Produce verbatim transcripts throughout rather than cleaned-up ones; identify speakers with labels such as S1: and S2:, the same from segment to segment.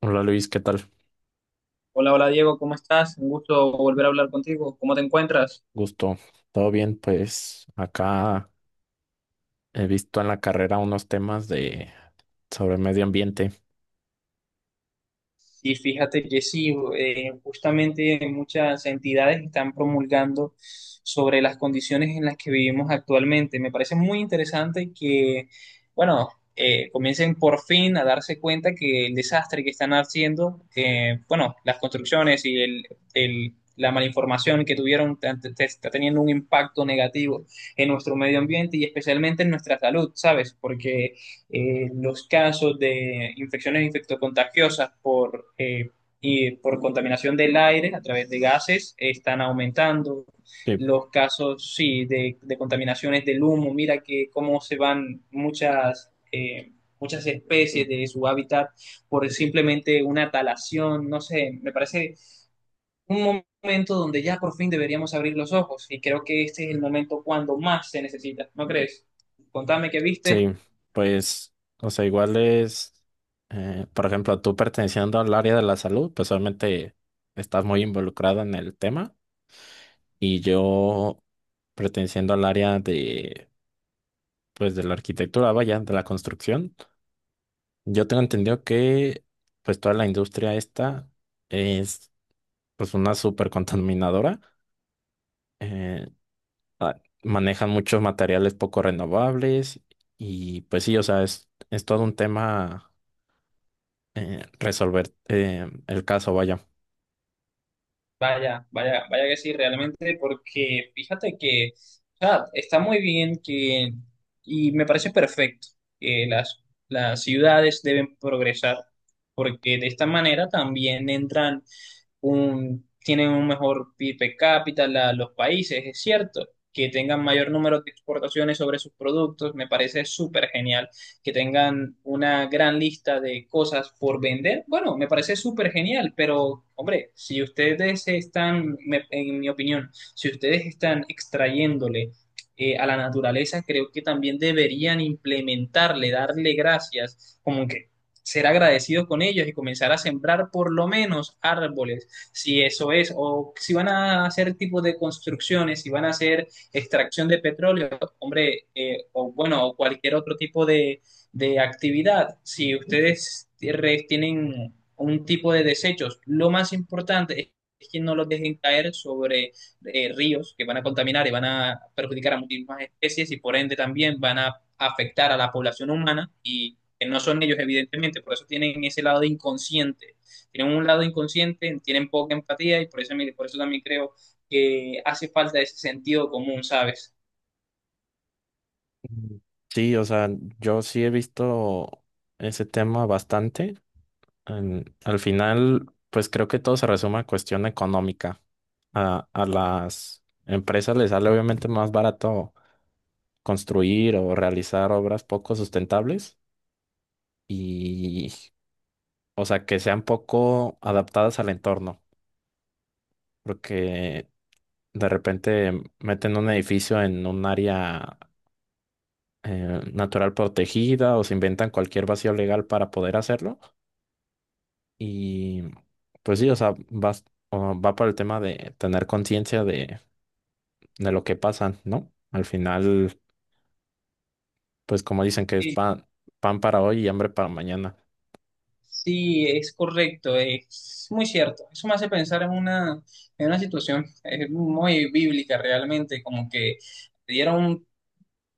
S1: Hola Luis, ¿qué tal?
S2: Hola, hola Diego, ¿cómo estás? Un gusto volver a hablar contigo. ¿Cómo te encuentras?
S1: Gusto. ¿Todo bien? Pues acá he visto en la carrera unos temas de sobre medio ambiente.
S2: Y fíjate que sí, eh, justamente muchas entidades están promulgando sobre las condiciones en las que vivimos actualmente. Me parece muy interesante que, bueno, eh, comiencen por fin a darse cuenta que el desastre que están haciendo, eh, bueno, las construcciones y el, el- la malinformación que tuvieron tan- te- te- está teniendo un impacto negativo en nuestro medio ambiente y especialmente en nuestra salud, ¿sabes? Porque eh, los casos de infecciones infectocontagiosas por, eh, y por contaminación del aire a través de gases están aumentando.
S1: Sí.
S2: Los casos, sí, de, de contaminaciones del humo, mira que cómo se van muchas, eh, muchas especies de su hábitat por simplemente una talación, no sé, me parece un momento donde ya por fin deberíamos abrir los ojos y creo que este es el momento cuando más se necesita, ¿no crees? Contame qué viste.
S1: Sí, pues, o sea, igual es, eh, por ejemplo, tú perteneciendo al área de la salud, pues obviamente estás muy involucrado en el tema y yo perteneciendo al área de, pues, de la arquitectura, vaya, de la construcción, yo tengo entendido que, pues, toda la industria esta es, pues, una súper contaminadora. eh, ah, Manejan muchos materiales poco renovables y pues sí, o sea, es, es todo un tema eh, resolver eh, el caso, vaya.
S2: Vaya, vaya, vaya que sí, realmente, porque fíjate que, o sea, está muy bien que, y me parece perfecto que las, las ciudades deben progresar, porque de esta manera también entran un, tienen un mejor P I B per cápita la- los países, es cierto, que tengan mayor número de exportaciones sobre sus productos, me parece súper genial que tengan una gran lista de cosas por vender, bueno, me parece súper genial, pero hombre, si ustedes están, me- en mi opinión, si ustedes están extrayéndole eh, a la naturaleza, creo que también deberían implementarle, darle gracias, como que ser agradecidos con ellos y comenzar a sembrar por lo menos árboles, si eso es, o si van a hacer tipo de construcciones, si van a hacer extracción de petróleo, hombre, eh, o bueno, o cualquier otro tipo de de actividad, si ustedes re- tienen un tipo de desechos, lo más importante es que no los dejen caer sobre eh, ríos que van a contaminar y van a perjudicar a muchísimas especies y por ende también van a afectar a la población humana y que no son ellos evidentemente, por eso tienen ese lado inconsciente. Tienen un lado inconsciente, tienen poca empatía y por eso, por eso también creo que hace falta ese sentido común, ¿sabes?
S1: Mm. Sí, o sea, yo sí he visto ese tema bastante. En- al final, pues creo que todo se resume a cuestión económica. A, a las empresas les sale obviamente más barato construir o realizar obras poco sustentables y, o sea, que sean poco adaptadas al entorno. Porque de repente meten un edificio en un área eh, natural protegida o se inventan cualquier vacío legal para poder hacerlo. Y pues sí, o sea, vas- o va por el tema de tener conciencia de, de lo que pasa, ¿no? Al final, pues como dicen que es pan, pan para hoy y hambre para mañana.
S2: Sí, es correcto, es muy cierto. Eso me hace pensar en una, en una situación eh, muy bíblica realmente, como que dieron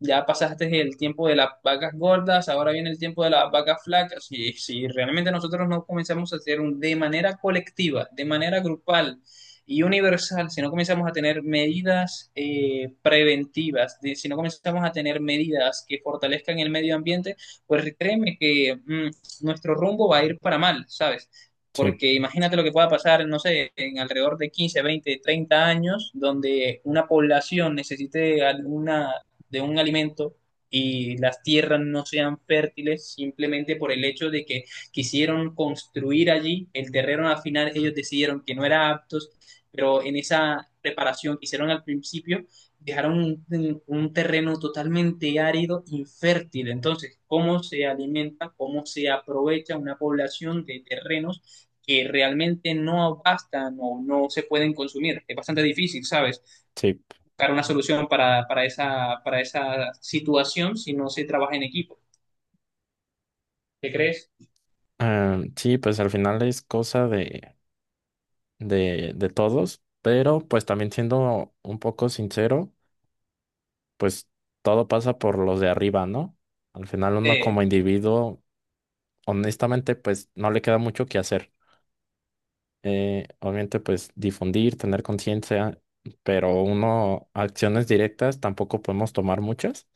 S2: ya pasaste el tiempo de las vacas gordas, ahora viene el tiempo de las vacas flacas. Y si realmente nosotros no comenzamos a hacer un, de manera colectiva, de manera grupal y universal, si no comenzamos a tener medidas eh, preventivas, de- si no comenzamos a tener medidas que fortalezcan el medio ambiente, pues créeme que mm, nuestro rumbo va a ir para mal, ¿sabes?
S1: Sí,
S2: Porque imagínate lo que pueda pasar, no sé, en alrededor de quince veinte treinta años, donde una población necesite alguna de un alimento y las tierras no sean fértiles simplemente por el hecho de que quisieron construir allí el terreno, al final ellos decidieron que no era aptos, pero en esa preparación que hicieron al principio dejaron un, un terreno totalmente árido, infértil. Entonces, ¿cómo se alimenta, cómo se aprovecha una población de terrenos que realmente no bastan o no se pueden consumir? Es bastante difícil, ¿sabes?
S1: sí.
S2: Una solución para, para, esa, para esa situación si no se trabaja en equipo. ¿Qué crees?
S1: Eh, sí, pues al final es cosa de, de, de todos, pero pues también siendo un poco sincero. Pues todo pasa por los de arriba, ¿no? Al final uno
S2: Eh,
S1: como individuo, honestamente, pues no le queda mucho que hacer. Eh, obviamente, pues difundir, tener conciencia, pero uno, acciones directas tampoco podemos tomar muchas.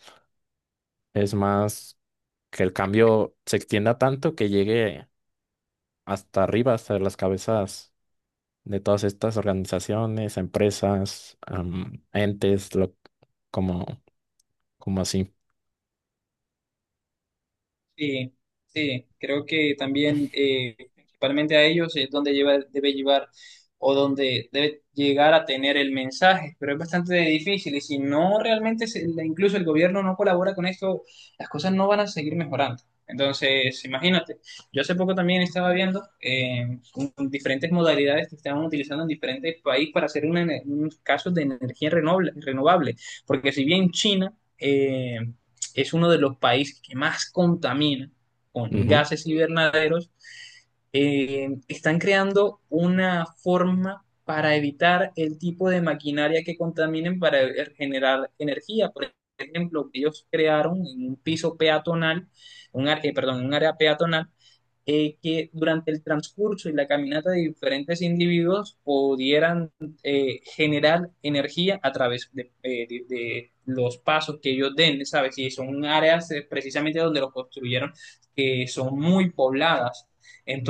S1: Es más que el cambio se extienda tanto que llegue hasta arriba, hasta las cabezas de todas estas organizaciones, empresas, am, entes, lo, como, como así.
S2: Sí, sí, creo que también eh, principalmente a ellos es donde lleva, debe llevar o donde debe llegar a tener el mensaje, pero es bastante difícil y si no realmente, se- incluso el gobierno no colabora con esto, las cosas no van a seguir mejorando. Entonces, imagínate, yo hace poco también estaba viendo eh, un- diferentes modalidades que estaban utilizando en diferentes países para hacer una, ener- unos casos de energía renovable, renovable, porque si bien China... eh, es uno de los países que más contamina con
S1: Ujú.
S2: gases invernaderos, eh, están creando una forma para evitar el tipo de maquinaria que contaminen para generar energía. Por ejemplo, ellos crearon en un piso peatonal, un, ar- eh, perdón, un área peatonal, eh, que durante el transcurso y la caminata de diferentes individuos pudieran eh, generar energía a través de, eh, de- de los pasos que ellos den, ¿sabes? Y son áreas eh, precisamente donde los construyeron que eh, son muy pobladas.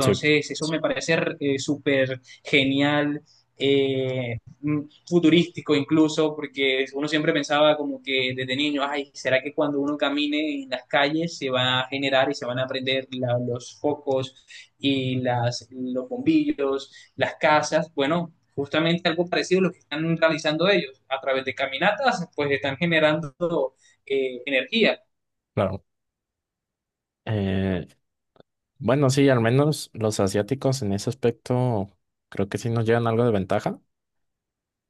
S1: Sí,
S2: eso me parece eh, súper genial. eh, mm, Futurístico incluso, porque uno siempre pensaba como que desde niño, ay, ¿será que cuando uno camine en las calles se va a generar y se van a prender la- los focos y las, los bombillos, las casas? Bueno, justamente algo parecido a lo que están realizando ellos. A través de caminatas, pues están generando eh, energía
S1: claro. Eh, Bueno, sí, al menos los asiáticos en ese aspecto creo que sí nos llevan algo de ventaja.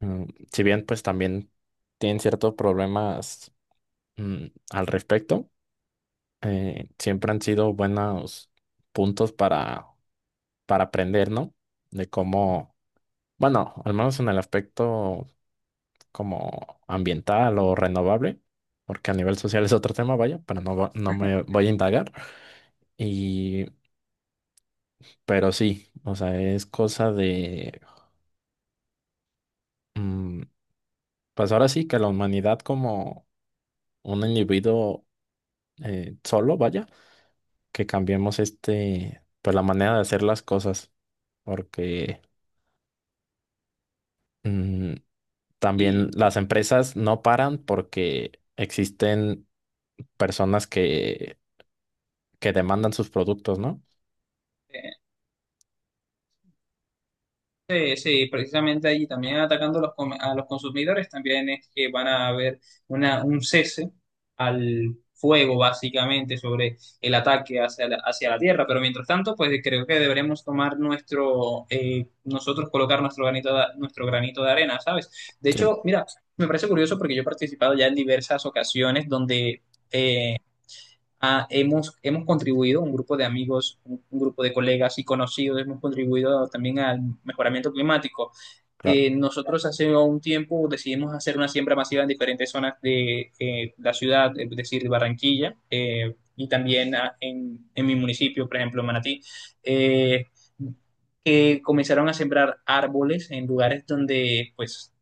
S1: Mm, si bien pues también tienen ciertos problemas mm, al respecto, eh, siempre han sido buenos puntos para, para aprender, ¿no? De cómo, bueno, al menos en el aspecto como ambiental o renovable, porque a nivel social es otro tema, vaya, pero no, va- no me voy a indagar. Y, pero sí, o sea, es cosa de... mm, pues ahora sí que la humanidad como un individuo eh, solo, vaya, que cambiemos este, pues la manera de hacer las cosas, porque mm,
S2: y
S1: también las empresas no paran porque existen personas que, que demandan sus productos, ¿no?
S2: eh, sí, sí, precisamente allí también atacando a los, come- a los consumidores, también es que van a haber una, un cese al fuego básicamente sobre el ataque hacia la, hacia la tierra, pero mientras tanto, pues creo que deberemos tomar nuestro, eh, nosotros colocar nuestro granito de, nuestro granito de arena, ¿sabes? De
S1: Sí,
S2: hecho, mira, me parece curioso porque yo he participado ya en diversas ocasiones donde... ah, hemos, hemos contribuido, un grupo de amigos, un un grupo de colegas y conocidos, hemos contribuido también al mejoramiento climático.
S1: claro,
S2: Eh, nosotros hace un tiempo decidimos hacer una siembra masiva en diferentes zonas de eh, la ciudad, es decir, Barranquilla, eh, y también ah, en, en mi municipio, por ejemplo, Manatí. Eh, que comenzaron a sembrar árboles en lugares donde pues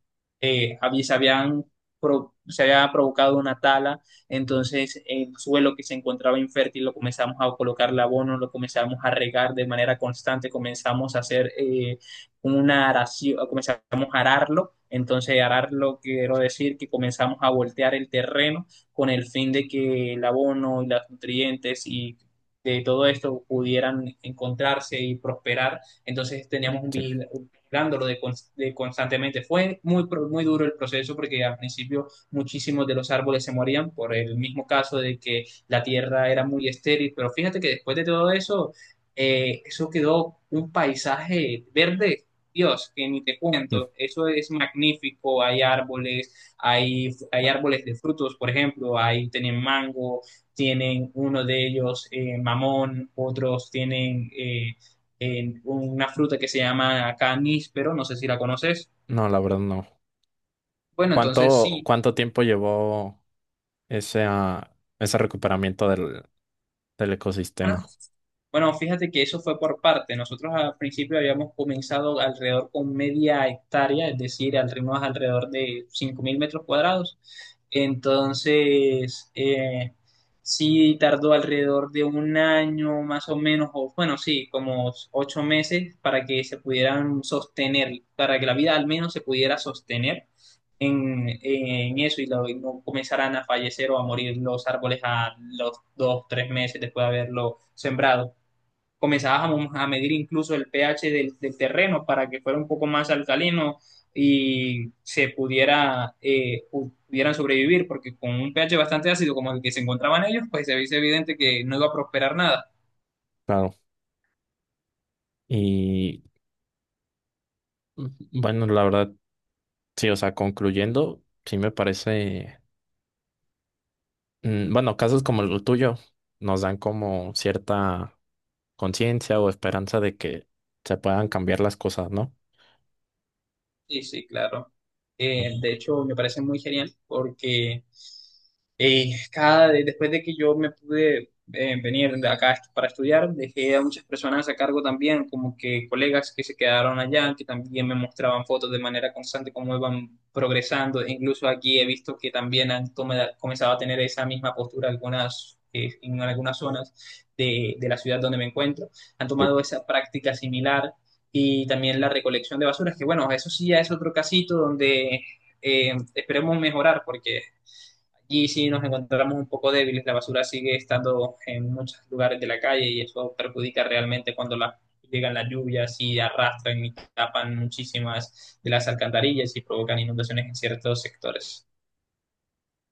S2: eh, había- se habían pro- se había provocado una tala, entonces el suelo que se encontraba infértil lo comenzamos a colocar el abono, lo comenzamos a regar de manera constante, comenzamos a hacer eh, una aración, comenzamos a ararlo, entonces ararlo quiero decir que comenzamos a voltear el terreno con el fin de que el abono y los nutrientes y de todo esto pudieran encontrarse y prosperar, entonces teníamos un
S1: sí.
S2: vigilándolo de, de constantemente. Fue muy, muy duro el proceso porque al principio muchísimos de los árboles se morían por el mismo caso de que la tierra era muy estéril, pero fíjate que después de todo eso, eh, eso quedó un paisaje verde, Dios, que ni te
S1: Mm.
S2: cuento, eso es magnífico, hay árboles, hay, hay
S1: Bueno,
S2: árboles de frutos, por ejemplo, ahí tienen mango, tienen uno de ellos eh, mamón, otros tienen eh, en una fruta que se llama caníspero, no sé si la conoces.
S1: no, la verdad no.
S2: Bueno, entonces
S1: ¿Cuánto,
S2: sí,
S1: cuánto tiempo llevó ese, ah, ese recuperamiento del, del
S2: una
S1: ecosistema?
S2: bueno, fíjate que eso fue por parte. Nosotros al principio habíamos comenzado alrededor con media hectárea, es decir, al ritmo alrededor de cinco mil metros cuadrados. Entonces, eh, sí tardó alrededor de un año más o menos, o bueno, sí, como ocho meses para que se pudieran sostener, para que la vida al menos se pudiera sostener en, en eso y, lo- y no comenzaran a fallecer o a morir los árboles a los dos, tres meses después de haberlo sembrado, comenzabas a a medir incluso el pH del, del terreno para que fuera un poco más alcalino y se pudiera, eh, pudieran sobrevivir, porque con un pH bastante ácido como el que se encontraban ellos, pues se veía evidente que no iba a prosperar nada.
S1: Claro. Y bueno, la verdad, sí, o sea, concluyendo, sí me parece, mm, bueno, casos como el tuyo nos dan como cierta conciencia o esperanza de que se puedan cambiar las cosas, ¿no?
S2: Sí, sí, claro. Eh, de hecho, me parece muy genial porque eh, cada, de- después de que yo me pude eh, venir de acá est- para estudiar, dejé a muchas personas a cargo también, como que colegas que se quedaron allá, que también me mostraban fotos de manera constante, cómo iban progresando. E incluso aquí he visto que también han tome- comenzado a tener esa misma postura algunas, eh, en algunas zonas de, de la ciudad donde me encuentro. Han
S1: Sí.
S2: tomado esa práctica similar y también la recolección de basuras, que bueno, eso sí ya es otro casito donde eh, esperemos mejorar porque allí sí nos encontramos un poco débiles, la basura sigue estando en muchos lugares de la calle y eso perjudica realmente cuando la, llegan las lluvias y arrastran y tapan muchísimas de las alcantarillas y provocan inundaciones en ciertos sectores.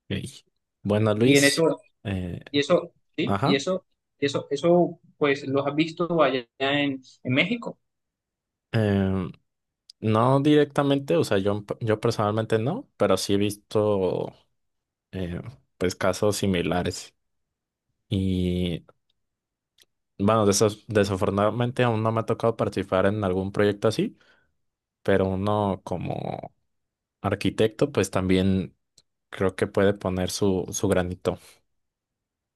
S1: Ok. Bueno,
S2: Y en
S1: Luis,
S2: eso,
S1: eh,
S2: y eso, sí, y
S1: ajá,
S2: eso, eso, eso, pues los has visto allá en, en México.
S1: em, no directamente, o sea, yo, yo personalmente no, pero sí he visto eh, pues casos similares y bueno, desaf- desafortunadamente aún no me ha tocado participar en algún proyecto así pero uno como arquitecto, pues también creo que puede poner su, su granito.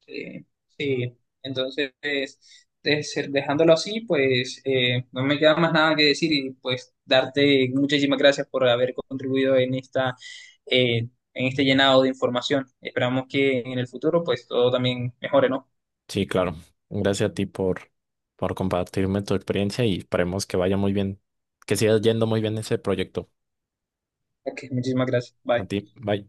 S2: Sí, sí. Entonces de ser- dejándolo así, pues eh, no me queda más nada que decir y pues darte muchísimas gracias por haber contribuido en esta eh, en este llenado de información. Esperamos que en el futuro pues todo también mejore, ¿no?
S1: Sí, claro. Gracias a ti por, por compartirme tu experiencia y esperemos que vaya muy bien, que siga yendo muy bien ese proyecto.
S2: Ok, muchísimas gracias.
S1: A
S2: Bye.
S1: ti, bye.